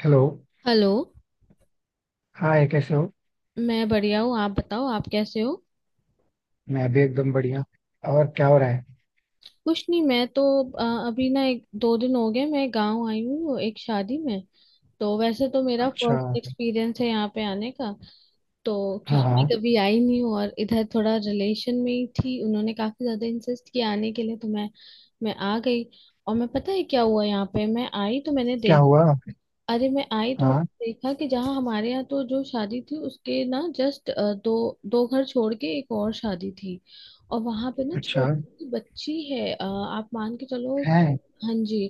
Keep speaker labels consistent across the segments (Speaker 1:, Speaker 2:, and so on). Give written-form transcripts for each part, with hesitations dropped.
Speaker 1: Hello.
Speaker 2: Hello.
Speaker 1: Hi, कैसे हो?
Speaker 2: मैं बढ़िया हूँ, आप बताओ, आप कैसे हो?
Speaker 1: मैं भी एकदम बढ़िया. और क्या हो रहा है?
Speaker 2: कुछ नहीं, अभी ना एक दो दिन हो गए, मैं गांव आई हूँ एक शादी में। तो वैसे तो मेरा
Speaker 1: अच्छा.
Speaker 2: फर्स्ट एक्सपीरियंस है यहाँ पे आने का। तो
Speaker 1: हाँ
Speaker 2: क्योंकि
Speaker 1: हाँ.
Speaker 2: मैं कभी आई नहीं हूँ, और इधर थोड़ा रिलेशन में ही थी, उन्होंने काफी ज्यादा इंसिस्ट किया आने के लिए, तो मैं आ गई। और मैं, पता है क्या हुआ? यहाँ पे मैं आई तो मैंने
Speaker 1: क्या
Speaker 2: देखा,
Speaker 1: हुआ?
Speaker 2: अरे मैं आई तो
Speaker 1: हाँ.
Speaker 2: मैंने देखा कि जहाँ हमारे यहाँ तो जो शादी थी उसके ना जस्ट दो दो घर छोड़ के एक और शादी थी। और वहां पे ना
Speaker 1: अच्छा.
Speaker 2: छोटी सी बच्ची है, आप मान के चलो
Speaker 1: है.
Speaker 2: हाँ जी,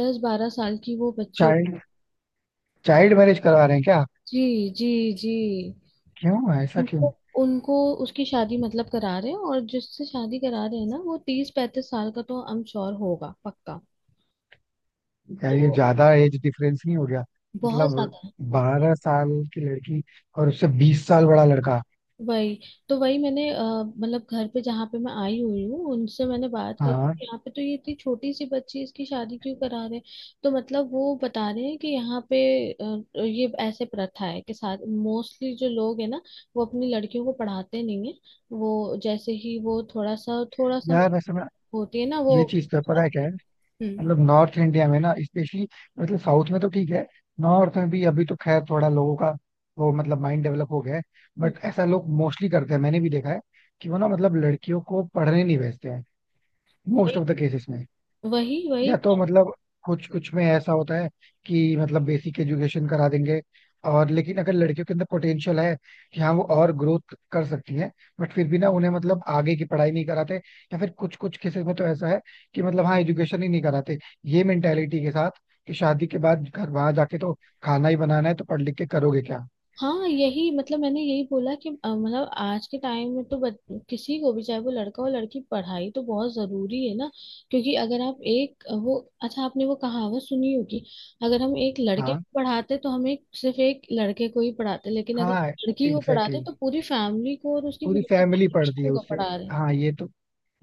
Speaker 2: 10-12 साल की वो
Speaker 1: चाइल्ड चाइल्ड मैरिज करवा रहे हैं क्या?
Speaker 2: जी जी जी।
Speaker 1: क्यों, ऐसा
Speaker 2: तो
Speaker 1: क्यों?
Speaker 2: उनको उसकी शादी मतलब करा रहे हैं, और जिससे शादी करा रहे हैं ना वो 30-35 साल का, तो आई एम श्योर होगा पक्का।
Speaker 1: यार, ये
Speaker 2: तो
Speaker 1: ज्यादा एज डिफरेंस नहीं हो गया?
Speaker 2: बहुत
Speaker 1: मतलब
Speaker 2: ज्यादा है।
Speaker 1: 12 साल की लड़की और उससे 20 साल बड़ा लड़का.
Speaker 2: वही। तो वही, मैंने मतलब घर पे जहाँ पे मैं आई हुई हूँ उनसे मैंने बात करी
Speaker 1: हाँ.
Speaker 2: कि यहाँ पे तो ये इतनी छोटी सी बच्ची इसकी शादी क्यों करा रहे हैं? तो मतलब वो बता रहे हैं कि यहाँ पे ये ऐसे प्रथा है कि साथ मोस्टली जो लोग है ना वो अपनी लड़कियों को पढ़ाते नहीं है। वो जैसे ही वो थोड़ा सा
Speaker 1: यार वैसे मैं,
Speaker 2: होती है ना वो।
Speaker 1: ये चीज तो पता है क्या है.
Speaker 2: हम्म।
Speaker 1: मतलब नॉर्थ इंडिया में ना, स्पेशली. मतलब साउथ में तो ठीक है. नॉर्थ में भी अभी तो खैर थोड़ा लोगों का वो मतलब माइंड डेवलप हो गया है. बट ऐसा लोग मोस्टली करते हैं, मैंने भी देखा है कि वो ना मतलब लड़कियों को पढ़ने नहीं भेजते हैं, मोस्ट
Speaker 2: वही
Speaker 1: ऑफ द केसेस में.
Speaker 2: वही वही।
Speaker 1: या तो मतलब कुछ कुछ में ऐसा होता है कि मतलब बेसिक एजुकेशन करा देंगे. और लेकिन अगर लड़कियों के अंदर पोटेंशियल है कि हाँ वो और ग्रोथ कर सकती हैं, बट फिर भी ना उन्हें मतलब आगे की पढ़ाई नहीं कराते, या फिर कुछ कुछ केसेस में तो ऐसा है कि मतलब हाँ एजुकेशन ही नहीं कराते, ये मेंटेलिटी के साथ कि शादी के बाद घर वहां जाके तो खाना ही बनाना है तो पढ़ लिख के करोगे क्या.
Speaker 2: हाँ यही, मतलब मैंने यही बोला कि मतलब आज के टाइम में किसी को भी, चाहे वो लड़का हो लड़की, पढ़ाई तो बहुत जरूरी है ना। क्योंकि अगर आप एक वो, अच्छा आपने वो कहावत सुनी होगी, अगर हम एक लड़के
Speaker 1: हाँ
Speaker 2: को पढ़ाते तो हम एक सिर्फ एक लड़के को ही पढ़ाते, लेकिन अगर
Speaker 1: हाँ
Speaker 2: लड़की को
Speaker 1: एग्जैक्टली
Speaker 2: पढ़ाते
Speaker 1: exactly.
Speaker 2: तो पूरी फैमिली को और उसकी
Speaker 1: पूरी
Speaker 2: फ्यूचर
Speaker 1: फैमिली पढ़ती है
Speaker 2: जनरेशन को
Speaker 1: उससे.
Speaker 2: पढ़ा रहे हैं।
Speaker 1: हाँ ये तो,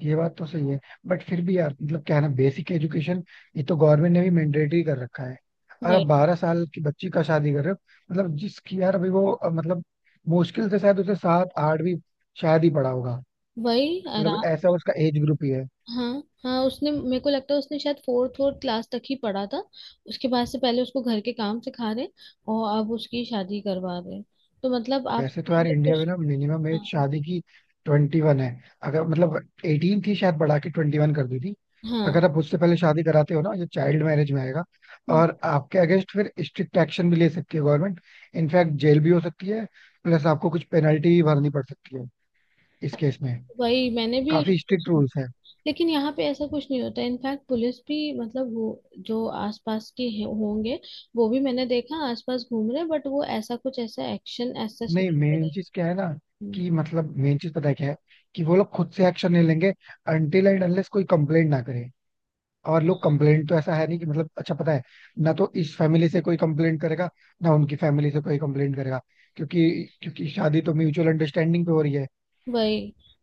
Speaker 1: ये बात तो सही है. बट फिर भी यार, मतलब क्या है ना, बेसिक एजुकेशन ये तो गवर्नमेंट ने भी मैंडेटरी कर रखा है. और आप
Speaker 2: वही
Speaker 1: 12 साल की बच्ची का शादी कर रहे हो. मतलब जिसकी यार, अभी वो मतलब मुश्किल से शायद उसे सात आठ भी शायद ही पड़ा होगा.
Speaker 2: वही।
Speaker 1: मतलब ऐसा उसका एज ग्रुप ही है.
Speaker 2: हाँ हाँ। उसने, मेरे को लगता है उसने शायद फोर्थ फोर्थ क्लास तक ही पढ़ा था। उसके बाद से पहले उसको घर के काम सिखा रहे, और अब उसकी शादी करवा रहे। तो मतलब आप
Speaker 1: वैसे तो
Speaker 2: समझ
Speaker 1: यार,
Speaker 2: लो कि
Speaker 1: इंडिया में ना मिनिमम एज
Speaker 2: हाँ
Speaker 1: शादी की 21 है. अगर मतलब 18 थी, शायद बढ़ा के 21 कर दी थी.
Speaker 2: हाँ।
Speaker 1: अगर आप उससे पहले शादी कराते हो ना, ये चाइल्ड मैरिज में आएगा.
Speaker 2: हम्म।
Speaker 1: और आपके अगेंस्ट फिर स्ट्रिक्ट एक्शन भी ले सकती है गवर्नमेंट. इनफैक्ट जेल भी हो सकती है. प्लस आपको कुछ पेनल्टी भी भरनी पड़ सकती है इस केस में.
Speaker 2: वही, मैंने भी ये
Speaker 1: काफी
Speaker 2: चीज़
Speaker 1: स्ट्रिक्ट
Speaker 2: सुनी।
Speaker 1: रूल्स है.
Speaker 2: लेकिन यहाँ पे ऐसा कुछ नहीं होता, इनफैक्ट पुलिस भी मतलब वो जो आसपास के होंगे, वो भी मैंने देखा आसपास घूम रहे, बट वो ऐसा कुछ ऐसा एक्शन ऐसा नहीं
Speaker 1: नहीं,
Speaker 2: ले
Speaker 1: मेन
Speaker 2: रहे।
Speaker 1: चीज क्या है ना,
Speaker 2: हम्म।
Speaker 1: कि मतलब मेन चीज पता है क्या है, कि वो लोग खुद से एक्शन नहीं लेंगे अनटिल एंड अनलेस कोई कंप्लेंट ना करे. और लोग कंप्लेंट तो ऐसा है नहीं कि मतलब, अच्छा पता है, ना तो इस फैमिली से कोई कंप्लेंट करेगा ना उनकी फैमिली से कोई कंप्लेंट करेगा. क्योंकि क्योंकि शादी तो म्यूचुअल अंडरस्टैंडिंग पे हो रही है.
Speaker 2: वही,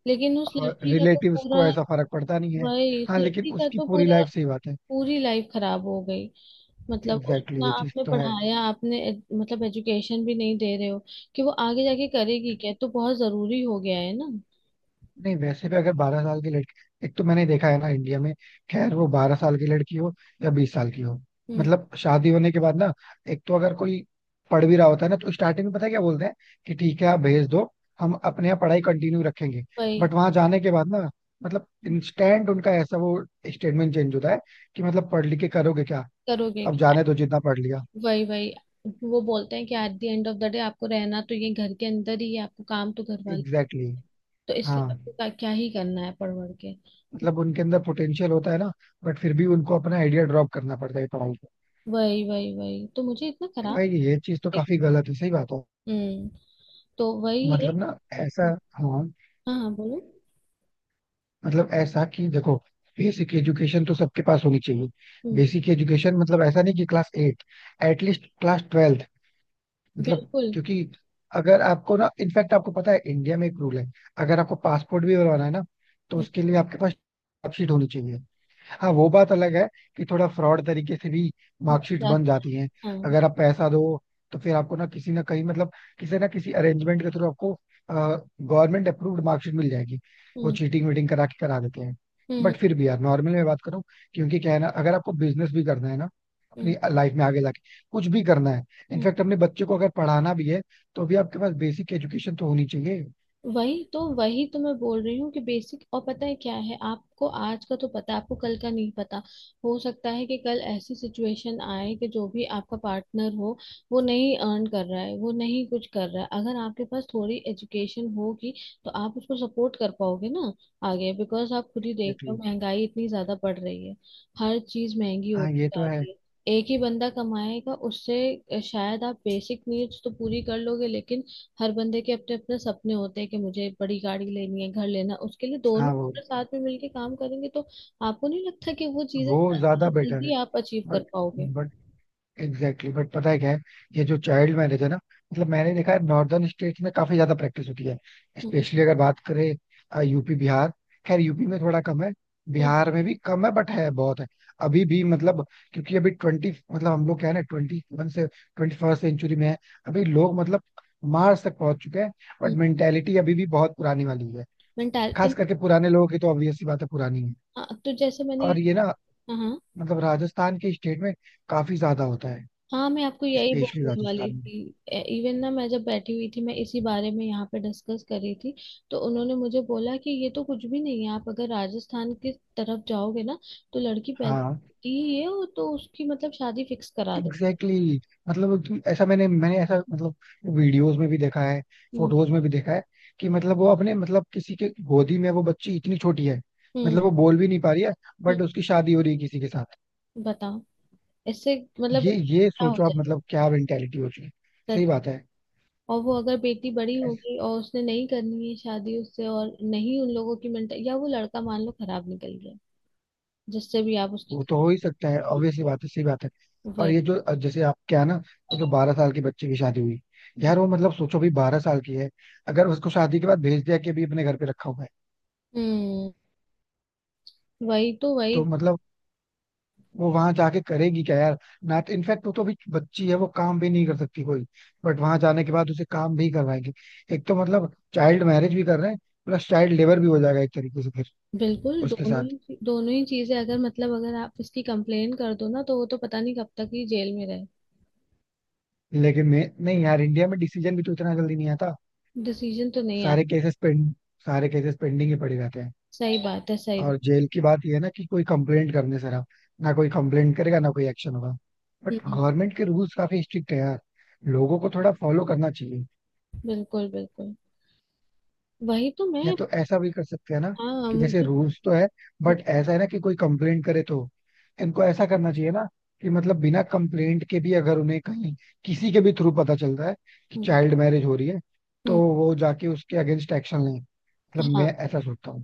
Speaker 2: लेकिन उस
Speaker 1: और
Speaker 2: लड़की का तो
Speaker 1: रिलेटिव्स
Speaker 2: पूरा,
Speaker 1: को ऐसा फर्क पड़ता नहीं है.
Speaker 2: वही, इस
Speaker 1: हाँ लेकिन
Speaker 2: लड़की का
Speaker 1: उसकी
Speaker 2: तो
Speaker 1: पूरी
Speaker 2: पूरा,
Speaker 1: लाइफ, सही बात है.
Speaker 2: पूरी लाइफ खराब हो गई।
Speaker 1: एग्जैक्टली
Speaker 2: मतलब
Speaker 1: exactly,
Speaker 2: उतना
Speaker 1: ये चीज
Speaker 2: आपने
Speaker 1: तो है.
Speaker 2: पढ़ाया, आपने मतलब एजुकेशन भी नहीं दे रहे हो कि वो आगे जाके करेगी क्या? तो बहुत जरूरी हो गया है ना।
Speaker 1: नहीं, वैसे भी अगर 12 साल की लड़की, एक तो मैंने देखा है ना इंडिया में, खैर वो 12 साल की लड़की हो या 20 साल की हो,
Speaker 2: हम्म।
Speaker 1: मतलब शादी होने के बाद ना, एक तो अगर कोई पढ़ भी रहा होता है ना, तो स्टार्टिंग में पता है क्या बोलते हैं कि ठीक है आप भेज दो, हम अपने यहाँ पढ़ाई कंटिन्यू रखेंगे.
Speaker 2: वही।
Speaker 1: बट वहां जाने के बाद ना मतलब इंस्टेंट उनका ऐसा वो स्टेटमेंट चेंज होता है कि मतलब पढ़ लिख के करोगे क्या,
Speaker 2: करोगे
Speaker 1: अब
Speaker 2: क्या?
Speaker 1: जाने दो जितना पढ़ लिया.
Speaker 2: वही वही। वो बोलते हैं कि at the end of the day आपको रहना तो ये घर के अंदर ही है, आपको काम तो घर वाले,
Speaker 1: एग्जैक्टली exactly.
Speaker 2: तो इसलिए
Speaker 1: हाँ
Speaker 2: आपको क्या क्या ही करना है पढ़ वढ़ के।
Speaker 1: मतलब उनके अंदर पोटेंशियल होता है ना, बट फिर भी उनको अपना आइडिया ड्रॉप करना पड़ता है.
Speaker 2: वही वही वही। तो मुझे इतना खराब
Speaker 1: भाई ये चीज तो
Speaker 2: लगे।
Speaker 1: काफी गलत है, सही बात हो.
Speaker 2: हम्म। तो वही है।
Speaker 1: मतलब ना, ऐसा, हाँ
Speaker 2: हाँ हाँ बोलो।
Speaker 1: मतलब ऐसा कि देखो, बेसिक एजुकेशन तो सबके पास होनी चाहिए.
Speaker 2: हम्म।
Speaker 1: बेसिक एजुकेशन मतलब ऐसा नहीं कि class at, at least class twelfth. मतलब
Speaker 2: बिल्कुल।
Speaker 1: क्योंकि अगर आपको ना, इनफैक्ट आपको पता है इंडिया में एक रूल है, अगर आपको पासपोर्ट भी बनवाना है ना, तो उसके लिए आपके पास मार्कशीट होनी चाहिए. हाँ वो बात अलग है कि थोड़ा फ्रॉड तरीके से भी मार्कशीट
Speaker 2: हम्म।
Speaker 1: बन जाती हैं, अगर आप पैसा दो तो फिर आपको ना किसी ना कहीं, मतलब किसी ना किसी अरेंजमेंट के थ्रू आपको गवर्नमेंट अप्रूव्ड मार्कशीट मिल जाएगी. वो
Speaker 2: 嗯嗯嗯嗯嗯।
Speaker 1: चीटिंग वीटिंग करा के करा देते हैं. बट फिर भी यार नॉर्मल में बात करूं, क्योंकि क्या है ना, अगर आपको बिजनेस भी करना है ना, अपनी लाइफ में आगे जाके कुछ भी करना है, इनफैक्ट अपने बच्चे को अगर पढ़ाना भी है, तो भी आपके पास बेसिक एजुकेशन तो होनी चाहिए.
Speaker 2: वही। तो वही तो मैं बोल रही हूँ कि बेसिक, और पता है क्या है, आपको आज का तो पता है, आपको कल का नहीं पता। हो सकता है कि कल ऐसी सिचुएशन आए कि जो भी आपका पार्टनर हो, वो नहीं अर्न कर रहा है, वो नहीं कुछ कर रहा है। अगर आपके पास थोड़ी एजुकेशन होगी तो आप उसको सपोर्ट कर पाओगे ना आगे। बिकॉज आप खुद ही देख रहे
Speaker 1: एग्जैक्टली.
Speaker 2: हो महंगाई इतनी ज्यादा बढ़ रही है, हर चीज महंगी
Speaker 1: हाँ
Speaker 2: होती
Speaker 1: ये तो
Speaker 2: जा
Speaker 1: है.
Speaker 2: रही है। एक ही बंदा कमाएगा, उससे शायद आप बेसिक नीड्स तो पूरी कर लोगे, लेकिन हर बंदे के अपने अपने सपने होते हैं कि मुझे बड़ी गाड़ी लेनी है, घर लेना है। उसके लिए दोनों
Speaker 1: हाँ वो,
Speaker 2: अपने साथ में मिलके काम करेंगे, तो आपको नहीं लगता कि वो चीजें
Speaker 1: ज्यादा बेटर है.
Speaker 2: जल्दी आप अचीव कर पाओगे?
Speaker 1: But exactly exactly. बट पता है क्या है, ये जो चाइल्ड मैरिज है ना, मतलब मैंने देखा है नॉर्दर्न स्टेट्स में काफी ज्यादा प्रैक्टिस होती है,
Speaker 2: हम्म
Speaker 1: स्पेशली अगर बात करें यूपी बिहार, खैर यूपी में थोड़ा कम है,
Speaker 2: हम्म
Speaker 1: बिहार में भी कम है, बट है बहुत है. अभी भी मतलब क्योंकि अभी ट्वेंटी मतलब हम लोग क्या है ना, 21 से 21st सेंचुरी में है. अभी लोग मतलब मार्स तक पहुंच चुके हैं. But
Speaker 2: hmm.
Speaker 1: मेंटेलिटी अभी भी बहुत पुरानी वाली है,
Speaker 2: मेंटाल।
Speaker 1: खास करके पुराने लोगों की तो ऑब्वियस सी बात है, पुरानी है.
Speaker 2: हाँ तो जैसे मैंने,
Speaker 1: और ये ना
Speaker 2: हाँ हाँ।
Speaker 1: मतलब राजस्थान के स्टेट में काफी ज्यादा होता है,
Speaker 2: हाँ, मैं आपको यही
Speaker 1: स्पेशली
Speaker 2: बोलने वाली
Speaker 1: राजस्थान में.
Speaker 2: थी। इवन ना, मैं जब बैठी हुई थी मैं इसी बारे में यहाँ पे डिस्कस कर रही थी, तो उन्होंने मुझे बोला कि ये तो कुछ भी नहीं है, आप अगर राजस्थान की तरफ जाओगे ना तो लड़की पैदा
Speaker 1: हाँ
Speaker 2: होती ही है, और तो उसकी मतलब शादी फिक्स करा दे।
Speaker 1: Exactly exactly. मतलब कि ऐसा मैंने मैंने ऐसा मतलब वीडियोस में भी देखा है, फोटोज में भी देखा है कि मतलब वो अपने मतलब किसी के गोदी में वो बच्ची इतनी छोटी है,
Speaker 2: हम्म।
Speaker 1: मतलब वो बोल भी नहीं पा रही है,
Speaker 2: हम्म,
Speaker 1: बट उसकी शादी हो रही है किसी के साथ.
Speaker 2: बताओ। इससे मतलब
Speaker 1: ये
Speaker 2: क्या हो
Speaker 1: सोचो आप
Speaker 2: जाएगा?
Speaker 1: मतलब क्या मेंटेलिटी हो चुकी है. सही
Speaker 2: सच।
Speaker 1: बात है.
Speaker 2: और वो अगर बेटी बड़ी
Speaker 1: ऐस-
Speaker 2: होगी और उसने नहीं करनी है शादी उससे, और नहीं उन लोगों की मेंटल, या वो लड़का मान लो खराब निकल गया जिससे भी आप
Speaker 1: वो
Speaker 2: उसकी कर
Speaker 1: तो हो ही सकता है,
Speaker 2: रहे
Speaker 1: ऑब्वियसली बात है, सही बात है.
Speaker 2: हैं,
Speaker 1: और
Speaker 2: वही।
Speaker 1: ये जो जैसे आप क्या ना, वो जो 12 साल के बच्चे की शादी हुई, यार वो मतलब सोचो भी 12 साल की है, अगर उसको शादी के बाद भेज दिया कि अभी अपने घर पे रखा हुआ है,
Speaker 2: हम्म। वही तो
Speaker 1: तो
Speaker 2: वही।
Speaker 1: मतलब वो वहां जाके करेगी क्या यार. ना इनफैक्ट वो तो अभी बच्ची है, वो काम भी नहीं कर सकती कोई, बट वहां जाने के बाद उसे काम भी करवाएंगे. एक तो मतलब चाइल्ड मैरिज भी कर रहे हैं, प्लस चाइल्ड लेबर भी हो जाएगा एक तरीके से फिर
Speaker 2: बिल्कुल,
Speaker 1: उसके
Speaker 2: दोनों
Speaker 1: साथ.
Speaker 2: ही दोनों ही चीजें अगर मतलब अगर आप इसकी कंप्लेन कर दो ना तो वो तो पता नहीं कब तक ही जेल में रहे।
Speaker 1: लेकिन मैं नहीं यार, इंडिया में डिसीजन भी तो इतना जल्दी नहीं आता.
Speaker 2: डिसीजन तो नहीं आता।
Speaker 1: सारे केसेस पेंड सारे केसेस पेंडिंग ही पड़े रहते हैं.
Speaker 2: सही बात है, सही बात।
Speaker 1: और जेल की बात यह है ना कि कोई कंप्लेंट करने से रहा, ना कोई कंप्लेंट करेगा ना कोई एक्शन होगा. But
Speaker 2: hmm.
Speaker 1: गवर्नमेंट के रूल्स काफी स्ट्रिक्ट है यार, लोगों को थोड़ा फॉलो करना चाहिए.
Speaker 2: बिल्कुल बिल्कुल। वही तो
Speaker 1: या
Speaker 2: मैं,
Speaker 1: तो ऐसा भी कर सकते हैं ना
Speaker 2: हाँ
Speaker 1: कि जैसे
Speaker 2: मुझे,
Speaker 1: रूल्स तो है
Speaker 2: हम्म,
Speaker 1: बट ऐसा है ना कि कोई कंप्लेंट करे तो, इनको ऐसा करना चाहिए ना कि मतलब बिना कंप्लेंट के भी अगर उन्हें कहीं किसी के भी थ्रू पता चल रहा है कि
Speaker 2: हम्म,
Speaker 1: चाइल्ड मैरिज हो रही है, तो
Speaker 2: हम्म।
Speaker 1: वो जाके उसके अगेंस्ट एक्शन लें, मतलब
Speaker 2: हाँ।
Speaker 1: मैं ऐसा सोचता हूँ.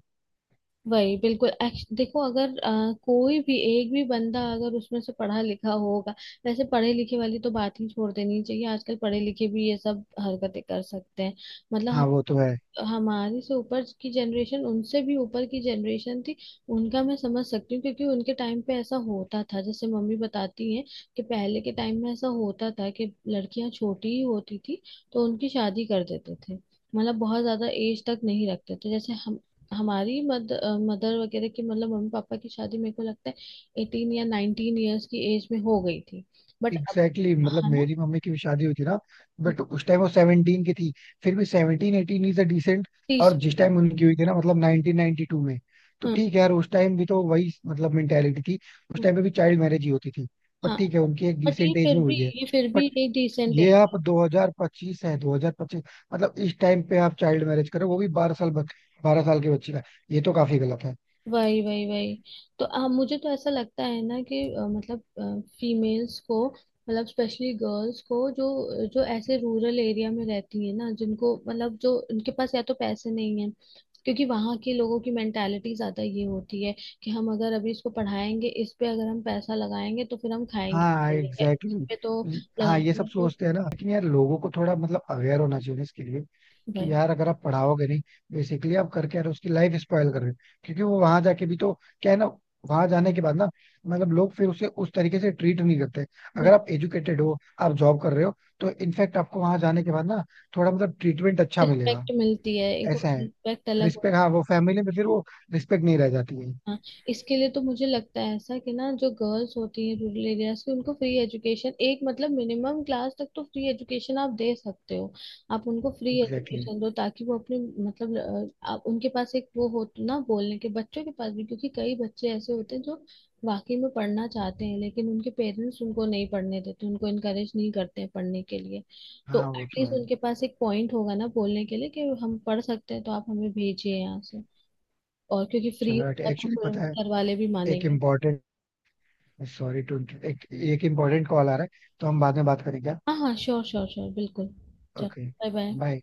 Speaker 2: वही बिल्कुल। देखो, अगर कोई भी एक भी बंदा अगर उसमें से पढ़ा लिखा होगा, वैसे पढ़े लिखे वाली तो बात ही छोड़ देनी चाहिए, आजकल पढ़े लिखे भी ये सब हरकतें कर सकते हैं।
Speaker 1: हाँ
Speaker 2: मतलब
Speaker 1: वो तो है.
Speaker 2: हमारे से ऊपर की जनरेशन, उनसे भी ऊपर की जनरेशन थी, उनका मैं समझ सकती हूँ क्योंकि उनके टाइम पे ऐसा होता था। जैसे मम्मी बताती हैं कि पहले के टाइम में ऐसा होता था कि लड़कियां छोटी ही होती थी तो उनकी शादी कर देते थे। मतलब बहुत ज्यादा एज तक नहीं रखते थे। जैसे हम, हमारी मद, मदर वगैरह की मतलब मम्मी पापा की शादी मेरे को लगता है 18 या 19 ईयर्स की एज में हो गई थी। बट अब,
Speaker 1: एग्जैक्टली exactly, मतलब
Speaker 2: है ना?
Speaker 1: मेरी मम्मी की भी शादी हुई थी ना, बट उस टाइम वो 17 की थी. फिर भी 17 18 इज अ डिसेंट.
Speaker 2: तीस।
Speaker 1: और जिस टाइम उनकी हुई थी ना, मतलब 1992 में, तो
Speaker 2: हाँ
Speaker 1: ठीक है यार, उस टाइम भी तो वही मतलब मेंटेलिटी थी. उस टाइम पे भी चाइल्ड मैरिज ही होती थी, बट
Speaker 2: हाँ।
Speaker 1: ठीक है उनकी एक
Speaker 2: बट ये
Speaker 1: डिसेंट एज
Speaker 2: फिर
Speaker 1: में
Speaker 2: भी,
Speaker 1: हुई है.
Speaker 2: ये फिर
Speaker 1: बट
Speaker 2: भी एक डिसेंट
Speaker 1: ये
Speaker 2: है।
Speaker 1: आप 2025 है, 2025 मतलब इस टाइम पे आप चाइल्ड मैरिज करो, वो भी 12 साल के बच्चे का, ये तो काफी गलत है.
Speaker 2: वही वही वही। तो मुझे तो ऐसा लगता है ना कि मतलब फीमेल्स को, मतलब स्पेशली गर्ल्स को, जो जो ऐसे रूरल एरिया में रहती है ना, जिनको मतलब जो उनके पास या तो पैसे नहीं है, क्योंकि वहाँ के लोगों की मेंटालिटी ज्यादा ये होती है कि हम अगर अभी इसको पढ़ाएंगे, इस पे अगर हम पैसा लगाएंगे तो फिर हम खाएंगे
Speaker 1: हाँ
Speaker 2: पीएंगे, या इस
Speaker 1: एग्जैक्टली
Speaker 2: पे तो
Speaker 1: exactly. हाँ ये
Speaker 2: लगाने
Speaker 1: सब
Speaker 2: में कोई।
Speaker 1: सोचते हैं ना कि मतलब यार
Speaker 2: हाँ।
Speaker 1: लोगों को थोड़ा मतलब अवेयर होना चाहिए ना इसके लिए कि यार अगर आप पढ़ाओगे नहीं, बेसिकली आप करके यार उसकी लाइफ स्पॉयल कर रहे हो. क्योंकि वो वहां जाके भी तो क्या है ना, वहां जाने के बाद ना मतलब लोग फिर उसे उस तरीके से ट्रीट नहीं करते. अगर आप एजुकेटेड हो, आप जॉब कर रहे हो, तो इनफैक्ट आपको वहां जाने के बाद ना थोड़ा मतलब ट्रीटमेंट अच्छा मिलेगा.
Speaker 2: रिस्पेक्ट मिलती है एक,
Speaker 1: ऐसा है.
Speaker 2: रिस्पेक्ट अलग।
Speaker 1: रिस्पेक्ट, हाँ वो फैमिली में फिर वो रिस्पेक्ट नहीं रह जाती है.
Speaker 2: हाँ, इसके लिए तो मुझे लगता है ऐसा कि ना जो गर्ल्स होती हैं रूरल एरियाज की, उनको फ्री एजुकेशन, एक मतलब मिनिमम क्लास तक तो फ्री एजुकेशन आप दे सकते हो। आप उनको फ्री
Speaker 1: एग्जैक्टली exactly.
Speaker 2: एजुकेशन दो ताकि वो अपने मतलब, आप उनके पास एक वो हो तो ना बोलने के, बच्चों के पास भी। क्योंकि कई बच्चे ऐसे होते हैं जो वाकई में पढ़ना चाहते हैं, लेकिन उनके पेरेंट्स उनको नहीं पढ़ने देते, उनको इनकरेज नहीं करते हैं पढ़ने के लिए। तो
Speaker 1: हाँ वो तो
Speaker 2: एटलीस्ट
Speaker 1: है.
Speaker 2: उनके पास एक पॉइंट होगा ना बोलने के लिए कि हम पढ़ सकते हैं तो आप हमें भेजिए यहाँ से। और क्योंकि फ्री
Speaker 1: चलो
Speaker 2: होगा तो
Speaker 1: एक्चुअली पता है,
Speaker 2: फिर घर वाले भी
Speaker 1: एक
Speaker 2: मानेंगे।
Speaker 1: इम्पोर्टेंट, सॉरी टू, एक एक इम्पोर्टेंट कॉल आ रहा है, तो हम बाद में बात करें क्या.
Speaker 2: हाँ हाँ, श्योर श्योर श्योर, बिल्कुल। चलो।
Speaker 1: ओके.
Speaker 2: Bye bye.
Speaker 1: बाय.